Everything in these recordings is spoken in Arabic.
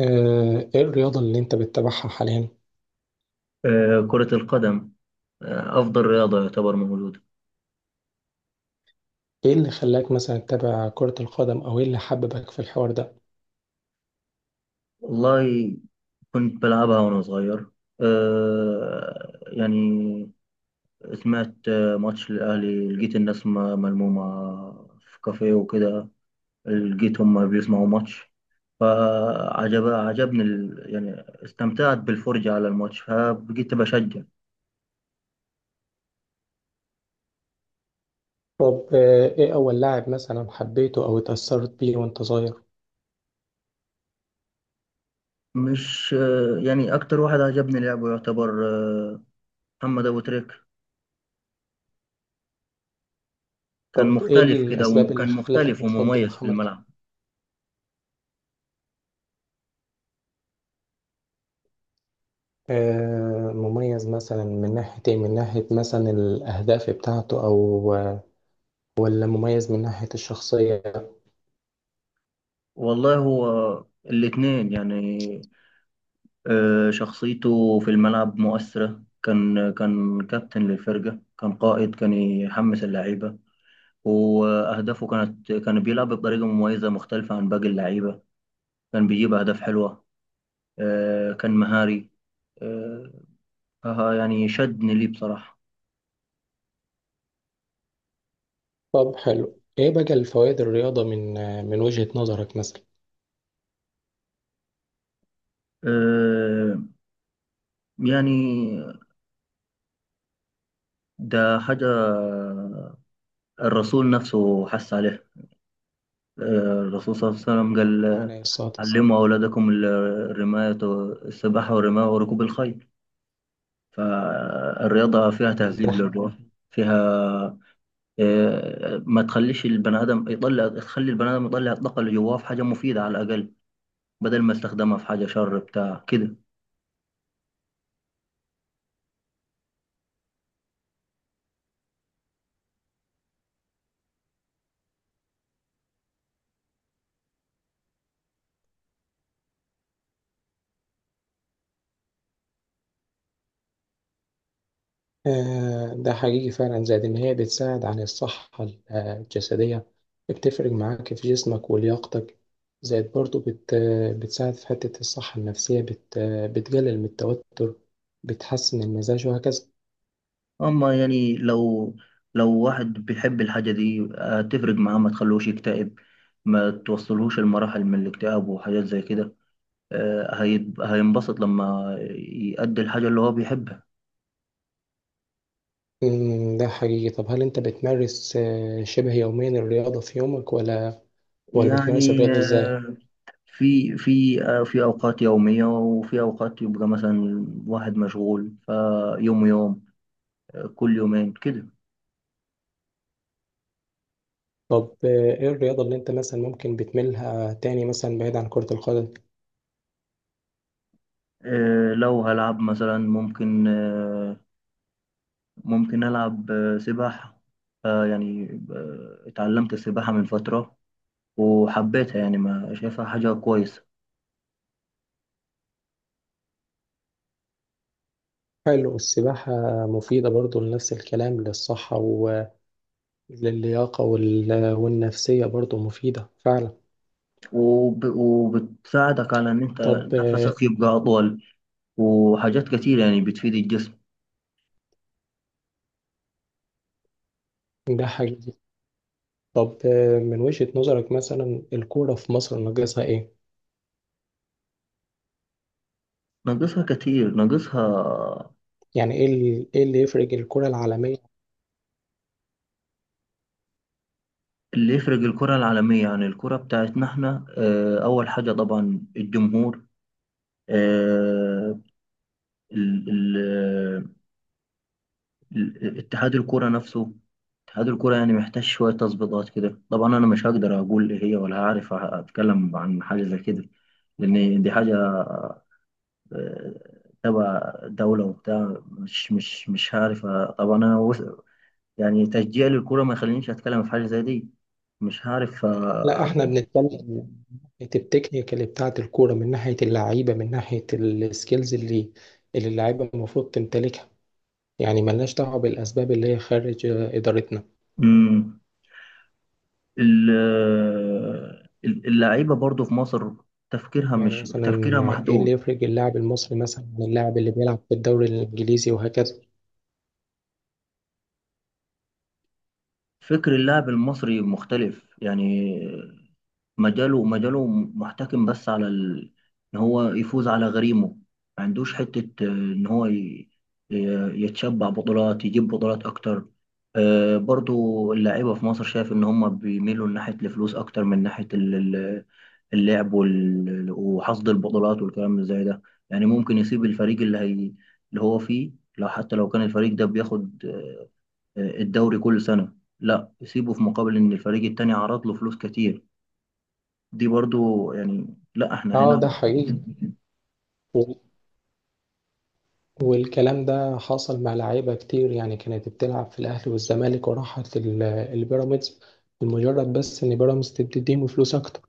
ايه الرياضة اللي انت بتتابعها حاليا؟ كرة القدم. أفضل رياضة يعتبر موجودة. ايه اللي خلاك مثلا تتابع كرة القدم او ايه اللي حببك في الحوار ده؟ والله، كنت بلعبها وأنا صغير. يعني سمعت ماتش الأهلي، لقيت الناس ملمومة في كافيه وكده، لقيت هم بيسمعوا ماتش. عجبني يعني استمتعت بالفرجة على الماتش، فبقيت بشجع. طب ايه اول لاعب مثلا حبيته او اتأثرت بيه وانت صغير؟ مش يعني أكتر واحد عجبني لعبه يعتبر محمد أبو تريك. كان طب ايه مختلف كده، الاسباب اللي وكان خلتك مختلف تفضل ومميز في محمد الملعب. مميز مثلا من ناحية ايه؟ من ناحية مثلا الاهداف بتاعته او ولا مميز من ناحية الشخصية؟ والله هو الاتنين يعني. شخصيته في الملعب مؤثرة. كان كابتن للفرقة، كان قائد، كان يحمس اللعيبة. وأهدافه كان بيلعب بطريقة مميزة مختلفة عن باقي اللعيبة، كان بيجيب أهداف حلوة. كان مهاري. آه، يعني شدني ليه بصراحة. طب حلو ايه بقى الفوائد الرياضة من من وجهة نظرك مثلا؟ آه، يعني ده حاجة الرسول نفسه حس عليها. آه، الرسول صلى الله عليه وسلم قال: عليه الصلاة علموا أولادكم الرماية، السباحة والرماية وركوب الخيل. فالرياضة فيها تهذيب للروح. والسلام. فيها ما تخليش البني آدم يطلع تخلي البني آدم يطلع الطاقة اللي جواه في حاجة مفيدة، على الأقل بدل ما يستخدمها في حاجة شر بتاع كده. ده حقيقي فعلا زائد إن هي بتساعد على الصحة الجسدية، بتفرق معاك في جسمك ولياقتك. زائد برضو بت آه، بتساعد في حتة الصحة النفسية، بت آه، بتقلل من التوتر، بتحسن المزاج وهكذا. أما يعني، لو واحد بيحب الحاجة دي هتفرق معاه، ما تخلوش يكتئب، ما توصلهوش المراحل من الاكتئاب وحاجات زي كده. هينبسط لما يأدي الحاجة اللي هو بيحبها. مم، ده حقيقي. طب هل أنت بتمارس شبه يوميا الرياضة في يومك، ولا بتمارس يعني الرياضة إزاي؟ في أوقات يومية، وفي أوقات يبقى مثلا واحد مشغول فيوم يوم، كل يومين كده. طب إيه الرياضة اللي أنت مثلا ممكن بتميلها تاني مثلا بعيد عن كرة القدم؟ لو هلعب مثلا ممكن، ممكن ألعب سباحة. يعني اتعلمت السباحة من فترة وحبيتها، يعني ما شايفها حاجة كويسة. حلو السباحة، مفيدة برضو لنفس الكلام، للصحة و للياقة والنفسية برضو مفيدة فعلا. وبتساعدك على إن أنت طب نفسك يبقى أطول، وحاجات كتير يعني بتفيد الجسم. ده حقيقي. طب من وجهة نظرك مثلا الكورة في مصر ناقصها ايه؟ ناقصها كتير، ناقصها. يعني ايه ايه اللي يفرق الكورة العالمية؟ اللي يفرق الكرة العالمية عن الكرة بتاعتنا احنا، أول حاجة طبعا الجمهور. آه، ال- ال- اتحاد الكرة نفسه. اتحاد الكرة يعني محتاج شوية تظبيطات كده. طبعا أنا مش هقدر أقول إيه هي، ولا هعرف أتكلم عن حاجة زي كده، لأن دي حاجة آه، تبع دولة وبتاع. مش هعرف طبعا أنا يعني تشجيع للكورة ما يخلينيش أتكلم في حاجة زي دي. مش هعرف. لا احنا بنتكلم من ناحية التكنيك اللي بتاعت الكورة، من ناحية اللعيبة، من ناحية السكيلز اللي اللعيبة المفروض تمتلكها، يعني ملناش دعوة بالأسباب اللي هي خارج إدارتنا. مم. اللعيبة برضو في مصر تفكيرها يعني مش مثلا تفكيرها ايه اللي محدود. يفرق اللاعب المصري مثلا من اللاعب اللي بيلعب في الدوري الإنجليزي وهكذا؟ فكر اللاعب المصري مختلف يعني. مجاله محتكم بس على ان هو يفوز على غريمه. ما عندوش حتة، ان هو يتشبع بطولات، يجيب بطولات اكتر. برضو اللعيبة في مصر، شايف ان هم بيميلوا ناحية الفلوس اكتر من ناحية اللعب وحصد البطولات والكلام اللي زي ده. يعني ممكن يسيب الفريق اللي هو فيه. حتى لو كان الفريق ده بياخد الدوري كل سنة، لا يسيبه في مقابل ان الفريق التاني عرض له فلوس كتير. دي برضو يعني. لا احنا اه ده هنا. حقيقي. وال- والكلام ده حصل مع لعيبة كتير يعني، كانت بتلعب في الأهلي والزمالك وراحت البيراميدز لمجرد بس إن بيراميدز تديهم فلوس أكتر،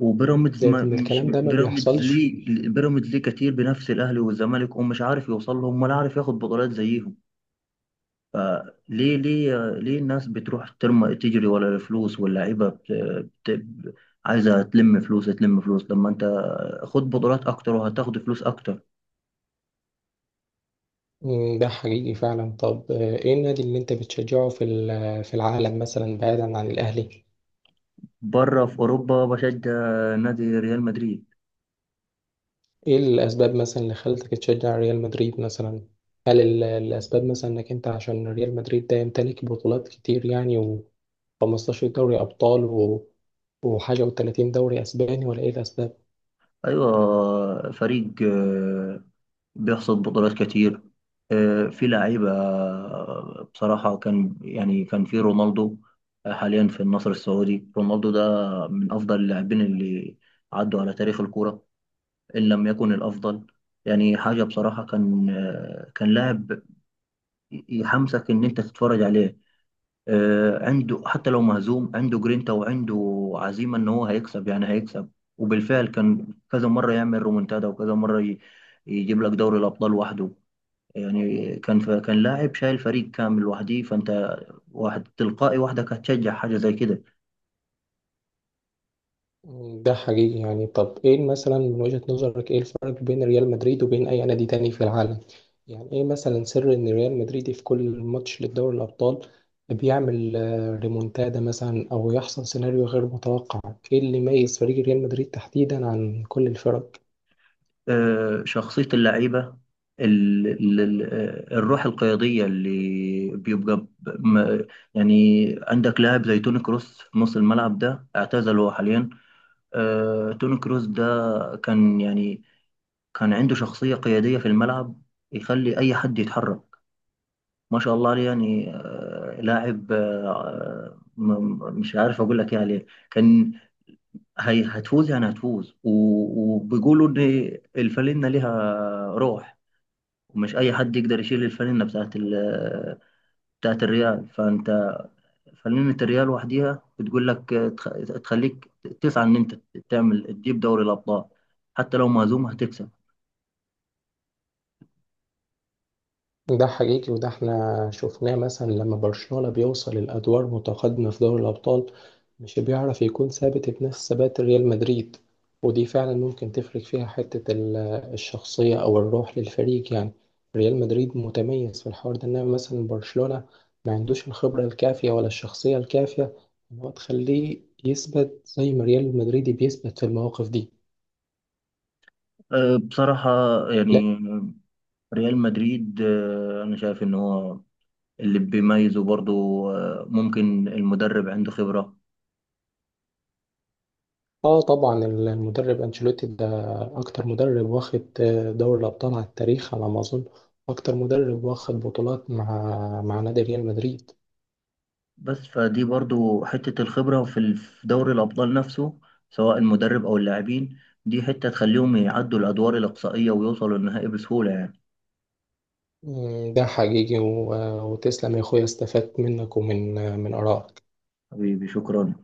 وبيراميدز زائد ما إن مش الكلام ده ما بيراميدز بيحصلش. ليه، بيراميدز ليه كتير بنفس الاهلي والزمالك، ومش عارف يوصل لهم ولا عارف ياخد بطولات زيهم. فليه ليه ليه الناس بتروح ترمى تجري ولا الفلوس، واللعيبه بت... عايزه تلم فلوس، تلم فلوس. لما انت خد بطولات اكتر، وهتاخد فلوس اكتر. مم، ده حقيقي فعلا. طب إيه النادي اللي أنت بتشجعه في في العالم مثلا بعيدا عن الأهلي؟ بره في اوروبا بشجع نادي ريال مدريد. إيه الأسباب مثلا اللي خلتك تشجع ريال مدريد مثلا؟ هل الأسباب مثلا إنك أنت عشان ريال مدريد ده يمتلك بطولات كتير، يعني 15 دوري أبطال و... وحاجة و30 دوري أسباني، ولا إيه الأسباب؟ ايوه، فريق بيحصد بطولات كتير. في لعيبة. بصراحة، كان في رونالدو. حاليا في النصر السعودي رونالدو ده. من أفضل اللاعبين اللي عدوا على تاريخ الكورة، إن لم يكن الأفضل. يعني حاجة بصراحة، كان لاعب يحمسك إن أنت تتفرج عليه. عنده حتى لو مهزوم، عنده جرينتا وعنده عزيمة إن هو هيكسب، يعني هيكسب. وبالفعل كان كذا مرة يعمل رومنتادا، وكذا مرة يجيب لك دوري الأبطال وحده. يعني كان لاعب شايل فريق كامل لوحده، فانت واحد تلقائي وحدك هتشجع حاجه زي كده. ده حقيقي يعني. طب إيه مثلا من وجهة نظرك إيه الفرق بين ريال مدريد وبين أي نادي تاني في العالم؟ يعني إيه مثلا سر إن ريال مدريد في كل ماتش لدوري الأبطال بيعمل ريمونتادا مثلا أو يحصل سيناريو غير متوقع؟ إيه اللي يميز فريق ريال مدريد تحديدا عن كل الفرق؟ شخصيه اللعيبه، ال- ال- ال- الروح القياديه اللي بيبقى ب- م- يعني عندك لاعب زي توني كروس في نص الملعب. ده اعتزل هو حاليا. توني كروس ده كان يعني كان عنده شخصيه قياديه في الملعب، يخلي اي حد يتحرك. ما شاء الله عليه، يعني لاعب. مش عارف اقول لك ايه عليه. كان هي هتفوز، يعني هتفوز. وبيقولوا ان الفالنة ليها روح، ومش اي حد يقدر يشيل الفالنة بتاعت الريال. فانت فالنة الريال وحديها بتقول لك، تخليك تسعى ان انت تجيب دوري الابطال. حتى لو مهزوم هتكسب. ده حقيقي. وده احنا شفناه مثلا لما برشلونة بيوصل الأدوار متقدمة في دوري الأبطال، مش بيعرف يكون ثابت بنفس ثبات ريال مدريد، ودي فعلا ممكن تفرق فيها حتة الشخصية أو الروح للفريق يعني. ريال مدريد متميز في الحوار ده، إنما مثلا برشلونة ما عندوش الخبرة الكافية ولا الشخصية الكافية إن هو تخليه يثبت زي ما ريال مدريد بيثبت في المواقف دي. بصراحة يعني ريال مدريد، انا شايف ان هو اللي بيميزه برضو، ممكن المدرب عنده خبرة. اه طبعا المدرب انشيلوتي ده اكتر مدرب واخد دوري الابطال على التاريخ على ما اظن، اكتر مدرب واخد بطولات مع نادي ريال مدريد. بس فدي برضو حتة الخبرة في دوري الأبطال نفسه، سواء المدرب أو اللاعبين، دي حتة تخليهم يعدوا الأدوار الإقصائية ويوصلوا للنهائي بسهولة يعني. مم، ده حقيقي. وتسلم يا اخويا، استفدت منك ومن من ارائك. حبيبي، شكرا.